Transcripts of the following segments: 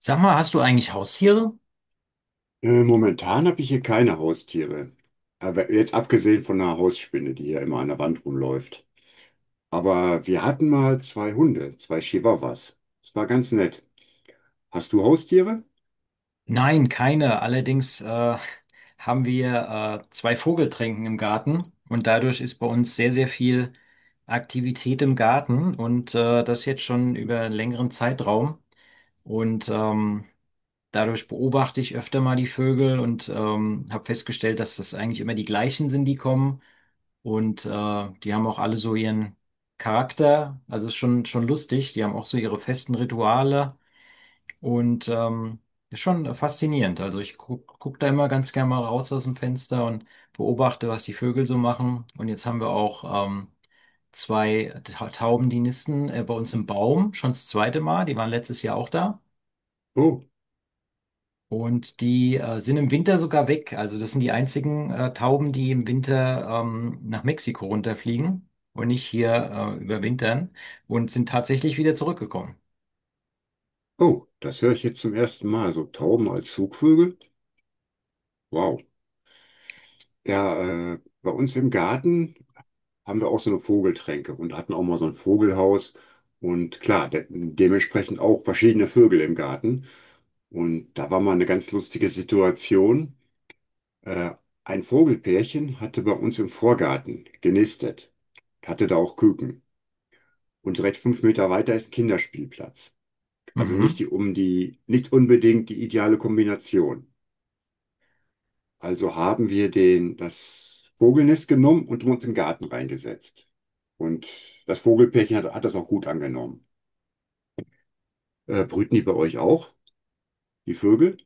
Sag mal, hast du eigentlich Haustiere? Momentan habe ich hier keine Haustiere. Aber jetzt abgesehen von einer Hausspinne, die hier immer an der Wand rumläuft. Aber wir hatten mal zwei Hunde, zwei Chihuahuas. Das war ganz nett. Hast du Haustiere? Nein, keine. Allerdings haben wir zwei Vogeltränken im Garten und dadurch ist bei uns sehr, sehr viel Aktivität im Garten und das jetzt schon über einen längeren Zeitraum. Und ähm, Dadurch beobachte ich öfter mal die Vögel und habe festgestellt, dass das eigentlich immer die gleichen sind, die kommen. Und äh, Die haben auch alle so ihren Charakter. Also ist schon lustig. Die haben auch so ihre festen Rituale. Und ähm, Ist schon faszinierend. Also ich guck da immer ganz gerne mal raus aus dem Fenster und beobachte, was die Vögel so machen. Und jetzt haben wir auch zwei Tauben, die nisten bei uns im Baum, schon das zweite Mal. Die waren letztes Jahr auch da. Oh, Und die sind im Winter sogar weg. Also das sind die einzigen Tauben, die im Winter nach Mexiko runterfliegen und nicht hier überwintern und sind tatsächlich wieder zurückgekommen. oh, das höre ich jetzt zum ersten Mal. So Tauben als Zugvögel? Wow. Ja, bei uns im Garten haben wir auch so eine Vogeltränke und hatten auch mal so ein Vogelhaus. Und klar, de dementsprechend auch verschiedene Vögel im Garten. Und da war mal eine ganz lustige Situation. Äh, ein Vogelpärchen hatte bei uns im Vorgarten genistet, hatte da auch Küken. Und direkt 5 Meter weiter ist ein Kinderspielplatz. Also nicht Mhm. die, um die, nicht unbedingt die ideale Kombination. Also haben wir das Vogelnest genommen und uns im Garten reingesetzt. Und das Vogelpärchen hat das auch gut angenommen. Brüten die bei euch auch, die Vögel?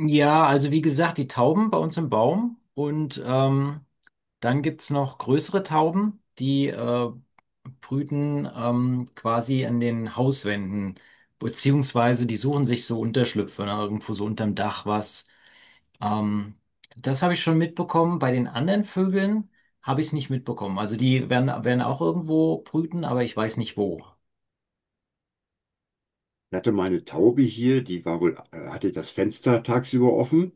Ja, also wie gesagt, die Tauben bei uns im Baum dann gibt's noch größere Tauben, die brüten quasi an den Hauswänden, beziehungsweise die suchen sich so Unterschlüpfe, ne, irgendwo so unterm Dach was. Ähm, Das habe ich schon mitbekommen. Bei den anderen Vögeln habe ich es nicht mitbekommen. Also die werden auch irgendwo brüten, aber ich weiß nicht wo. Ich hatte meine Taube hier, die war wohl, hatte das Fenster tagsüber offen.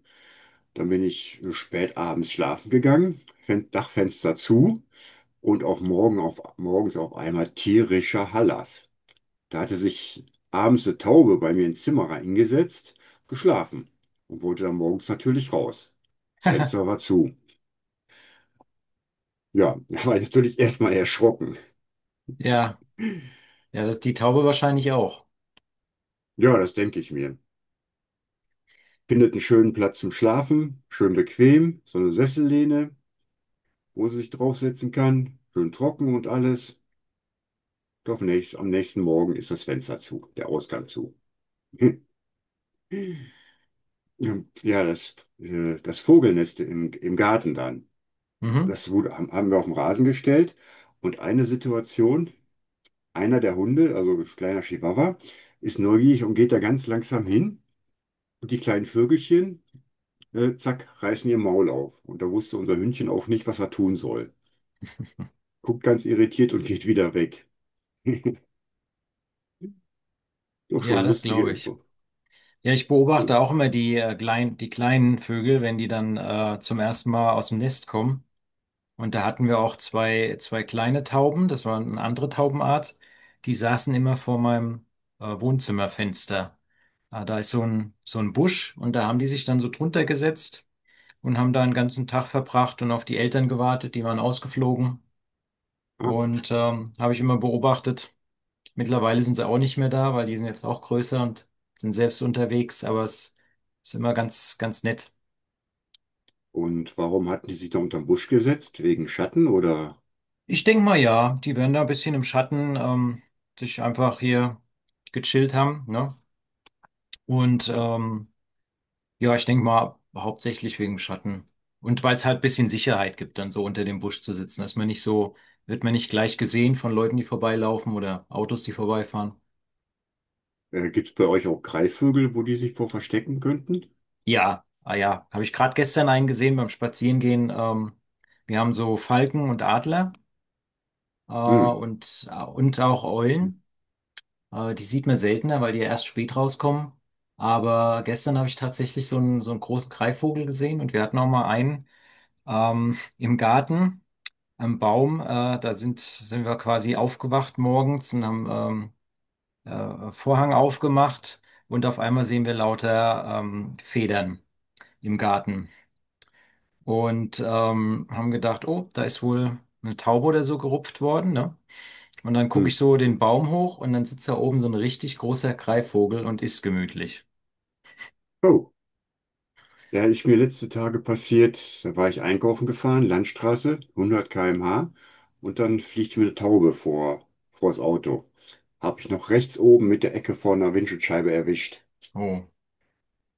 Dann bin ich spät abends schlafen gegangen, Fen Dachfenster zu und auch morgens auf einmal tierischer Hallas. Da hatte sich abends eine Taube bei mir ins Zimmer reingesetzt, geschlafen und wollte dann morgens natürlich raus. Das Fenster war zu. Ja, da war ich natürlich erstmal erschrocken. Ja, ja, das ist die Taube wahrscheinlich auch. Ja, das denke ich mir. Findet einen schönen Platz zum Schlafen, schön bequem, so eine Sessellehne, wo sie sich draufsetzen kann, schön trocken und alles. Doch nicht. Am nächsten Morgen ist das Fenster zu, der Ausgang zu. Ja, das Vogelnest im Garten dann. Das, Mhm. das wurde, haben haben wir auf den Rasen gestellt. Und eine Situation, einer der Hunde, also ein kleiner Chihuahua, ist neugierig und geht da ganz langsam hin. Und die kleinen Vögelchen, zack, reißen ihr Maul auf. Und da wusste unser Hündchen auch nicht, was er tun soll. Guckt ganz irritiert und geht wieder weg. Doch Ja, schon das lustige glaube ich. Info. Ja, ich beobachte auch immer die kleinen Vögel, wenn die dann zum ersten Mal aus dem Nest kommen. Und da hatten wir auch zwei kleine Tauben, das war eine andere Taubenart, die saßen immer vor meinem Wohnzimmerfenster. Da ist so ein Busch und da haben die sich dann so drunter gesetzt und haben da einen ganzen Tag verbracht und auf die Eltern gewartet, die waren ausgeflogen. Äh, Habe ich immer beobachtet. Mittlerweile sind sie auch nicht mehr da, weil die sind jetzt auch größer und sind selbst unterwegs, aber es ist immer ganz, ganz nett. Und warum hatten die sich da unterm Busch gesetzt? Wegen Schatten, oder Ich denke mal, ja, die werden da ein bisschen im Schatten sich einfach hier gechillt haben, ne? Und ähm, ja, ich denke mal, hauptsächlich wegen dem Schatten. Und weil es halt ein bisschen Sicherheit gibt, dann so unter dem Busch zu sitzen, dass man nicht so, wird man nicht gleich gesehen von Leuten, die vorbeilaufen oder Autos, die vorbeifahren. Gibt es bei euch auch Greifvögel, wo die sich vor verstecken könnten? Ja, ah ja, habe ich gerade gestern einen gesehen beim Spazierengehen. Wir haben so Falken und Adler Hm. Und auch Eulen. Die sieht man seltener, weil die ja erst spät rauskommen. Aber gestern habe ich tatsächlich so einen großen Greifvogel gesehen und wir hatten auch mal einen im Garten, am Baum. Sind wir quasi aufgewacht morgens und haben Vorhang aufgemacht und auf einmal sehen wir lauter Federn im Garten. Und haben gedacht, oh, da ist wohl eine Taube oder so gerupft worden, ne? Und dann gucke Hm. ich so den Baum hoch und dann sitzt da oben so ein richtig großer Greifvogel und isst gemütlich. Oh, da ist mir letzte Tage passiert, da war ich einkaufen gefahren, Landstraße, 100 km/h, und dann fliegt mir eine Taube vor das Auto. Habe ich noch rechts oben mit der Ecke vor einer Windschutzscheibe erwischt. Oh,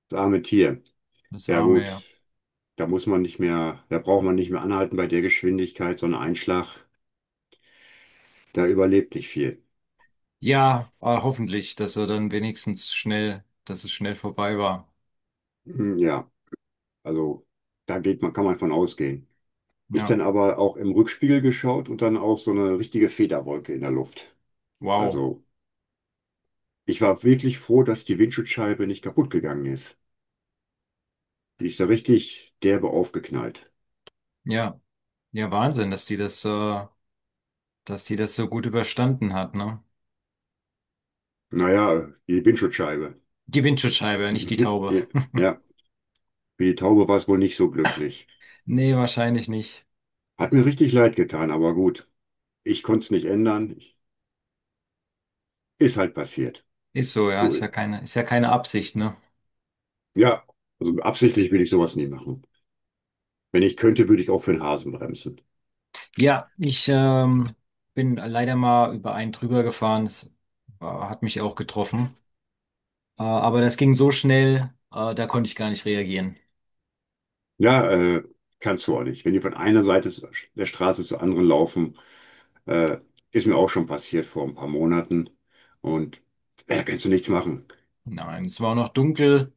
Das arme Tier. das Ja arme, gut, ja. da muss man nicht mehr, da braucht man nicht mehr anhalten bei der Geschwindigkeit, so ein Einschlag, da überlebt nicht viel. Ja, hoffentlich, dass er dann wenigstens schnell, dass es schnell vorbei war. Hm, ja. Also da geht man, kann man von ausgehen. Ich Ja, dann aber auch im Rückspiegel geschaut und dann auch so eine richtige Federwolke in der Luft. wow. Also ich war wirklich froh, dass die Windschutzscheibe nicht kaputt gegangen ist. Die ist da richtig derbe aufgeknallt. Ja, ja, Wahnsinn, dass dass die das so gut überstanden hat, ne? Naja, die Windschutzscheibe. Die Windschutzscheibe, nicht die Taube. Ja, ja, für die Taube war es wohl nicht so glücklich. Nee, wahrscheinlich nicht. Hat mir richtig leid getan, aber gut. Ich konnte es nicht ändern. Ist halt passiert. Ist so, ja, So, ist ja keine Absicht, ne? ja, also absichtlich will ich sowas nie machen. Wenn ich könnte, würde ich auch für den Hasen bremsen. Ja, ich bin leider mal über einen drüber gefahren. Das hat mich auch getroffen. Aber das ging so schnell, da konnte ich gar nicht reagieren. Ja, kannst du auch nicht. Wenn die von einer Seite der Straße zur anderen laufen, äh, ist mir auch schon passiert vor ein paar Monaten. Und da kannst du nichts machen. Nein, es war auch noch dunkel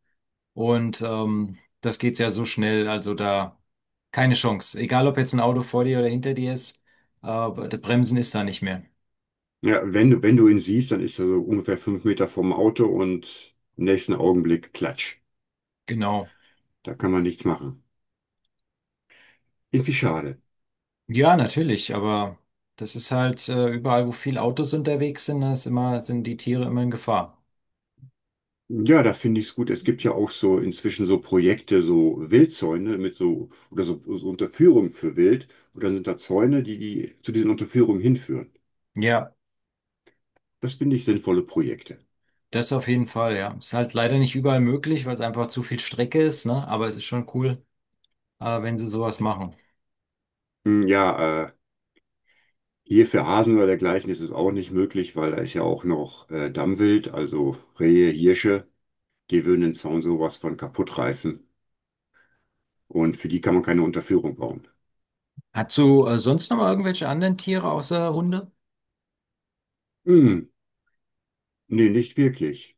und das geht ja so schnell. Also da keine Chance. Egal, ob jetzt ein Auto vor dir oder hinter dir ist, der Bremsen ist da nicht mehr. Ja, wenn du ihn siehst, dann ist er so ungefähr 5 Meter vorm Auto und im nächsten Augenblick klatsch. Genau. Da kann man nichts machen. Irgendwie schade. Ja, natürlich, aber das ist halt überall, wo viele Autos unterwegs sind, sind die Tiere immer in Gefahr. Ja, da finde ich es gut. Es gibt ja auch so inzwischen so Projekte, so Wildzäune mit so oder so, so Unterführung für Wild. Und dann sind da Zäune, die, die zu diesen Unterführungen hinführen. Ja. Das finde ich sinnvolle Projekte. Das auf jeden Fall, ja. Ist halt leider nicht überall möglich, weil es einfach zu viel Strecke ist, ne? Aber es ist schon cool, wenn sie sowas machen. Hm, ja, hier für Hasen oder dergleichen ist es auch nicht möglich, weil da ist ja auch noch Dammwild, also Rehe, Hirsche, die würden den Zaun sowas von kaputt reißen. Und für die kann man keine Unterführung bauen. Hast du sonst noch mal irgendwelche anderen Tiere außer Hunde? Hm, nee, nicht wirklich.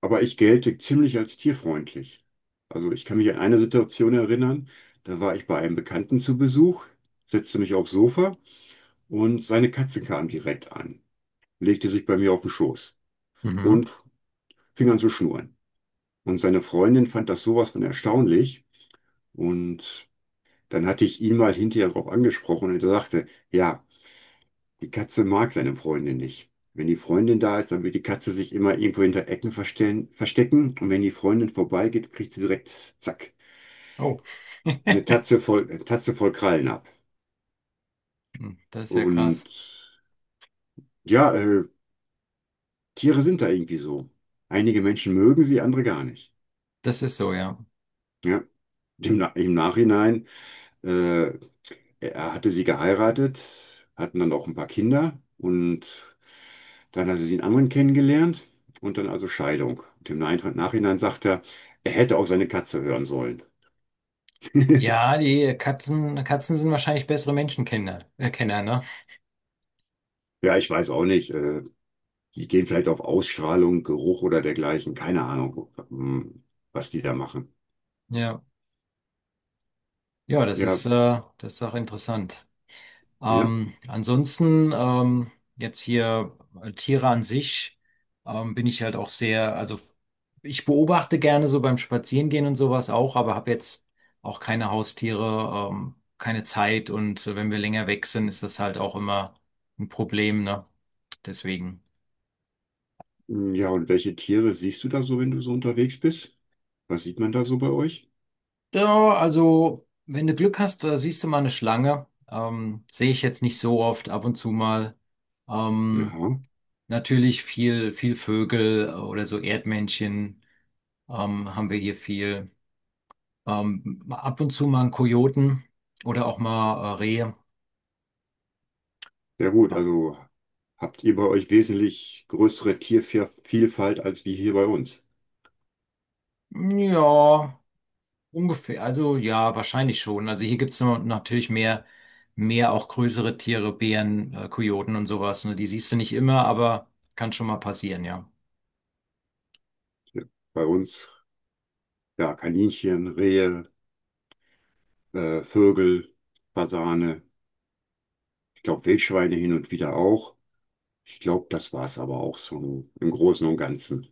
Aber ich gelte ziemlich als tierfreundlich. Also ich kann mich an eine Situation erinnern, da war ich bei einem Bekannten zu Besuch, setzte mich aufs Sofa und seine Katze kam direkt an, legte sich bei mir auf den Schoß Mhm. und fing an zu schnurren. Und seine Freundin fand das sowas von erstaunlich. Und dann hatte ich ihn mal hinterher darauf angesprochen und er sagte, ja, die Katze mag seine Freundin nicht. Wenn die Freundin da ist, dann will die Katze sich immer irgendwo hinter Ecken verstellen, verstecken. Und wenn die Freundin vorbeigeht, kriegt sie direkt, zack, Oh. eine Tatze voll Krallen ab. Hm, das ist ja krass. Und ja, Tiere sind da irgendwie so. Einige Menschen mögen sie, andere gar nicht. Das ist so, ja. Ja, im Nachhinein. Äh, Er hatte sie geheiratet, hatten dann auch ein paar Kinder und dann hatte sie einen anderen kennengelernt und dann also Scheidung. Und im Nachhinein sagt er, er hätte auch seine Katze hören sollen. Ja, die Katzen sind wahrscheinlich bessere Kenner, ne? Ja, ich weiß auch nicht. Die gehen vielleicht auf Ausstrahlung, Geruch oder dergleichen. Keine Ahnung, was die da machen. Ja. Ja, Ja, das ist auch interessant. ja, Ansonsten jetzt hier Tiere an sich, bin ich halt auch sehr, also ich beobachte gerne so beim Spazierengehen und sowas auch, aber habe jetzt auch keine Haustiere, keine Zeit und wenn wir länger weg sind, ist das halt auch immer ein Problem, ne? Deswegen. hm, ja. Und welche Tiere siehst du da so, wenn du so unterwegs bist? Was sieht man da so bei euch? Ja, also wenn du Glück hast, siehst du mal eine Schlange. Sehe ich jetzt nicht so oft, ab und zu mal. Ähm, Aha. Natürlich viel Vögel oder so Erdmännchen haben wir hier viel. Mal ab und zu mal einen Kojoten oder auch mal Rehe. Ja gut, Ja. also habt ihr bei euch wesentlich größere Tiervielfalt als wie hier bei uns. Ja, ungefähr. Also ja, wahrscheinlich schon. Also hier gibt es natürlich mehr, mehr auch größere Tiere, Bären, Kojoten und sowas. Ne? Die siehst du nicht immer, aber kann schon mal passieren, ja. Ja, bei uns, ja, Kaninchen, Rehe, Vögel, Fasane, ich glaube Wildschweine hin und wieder auch. Ich glaube, das war es aber auch so im Großen und Ganzen.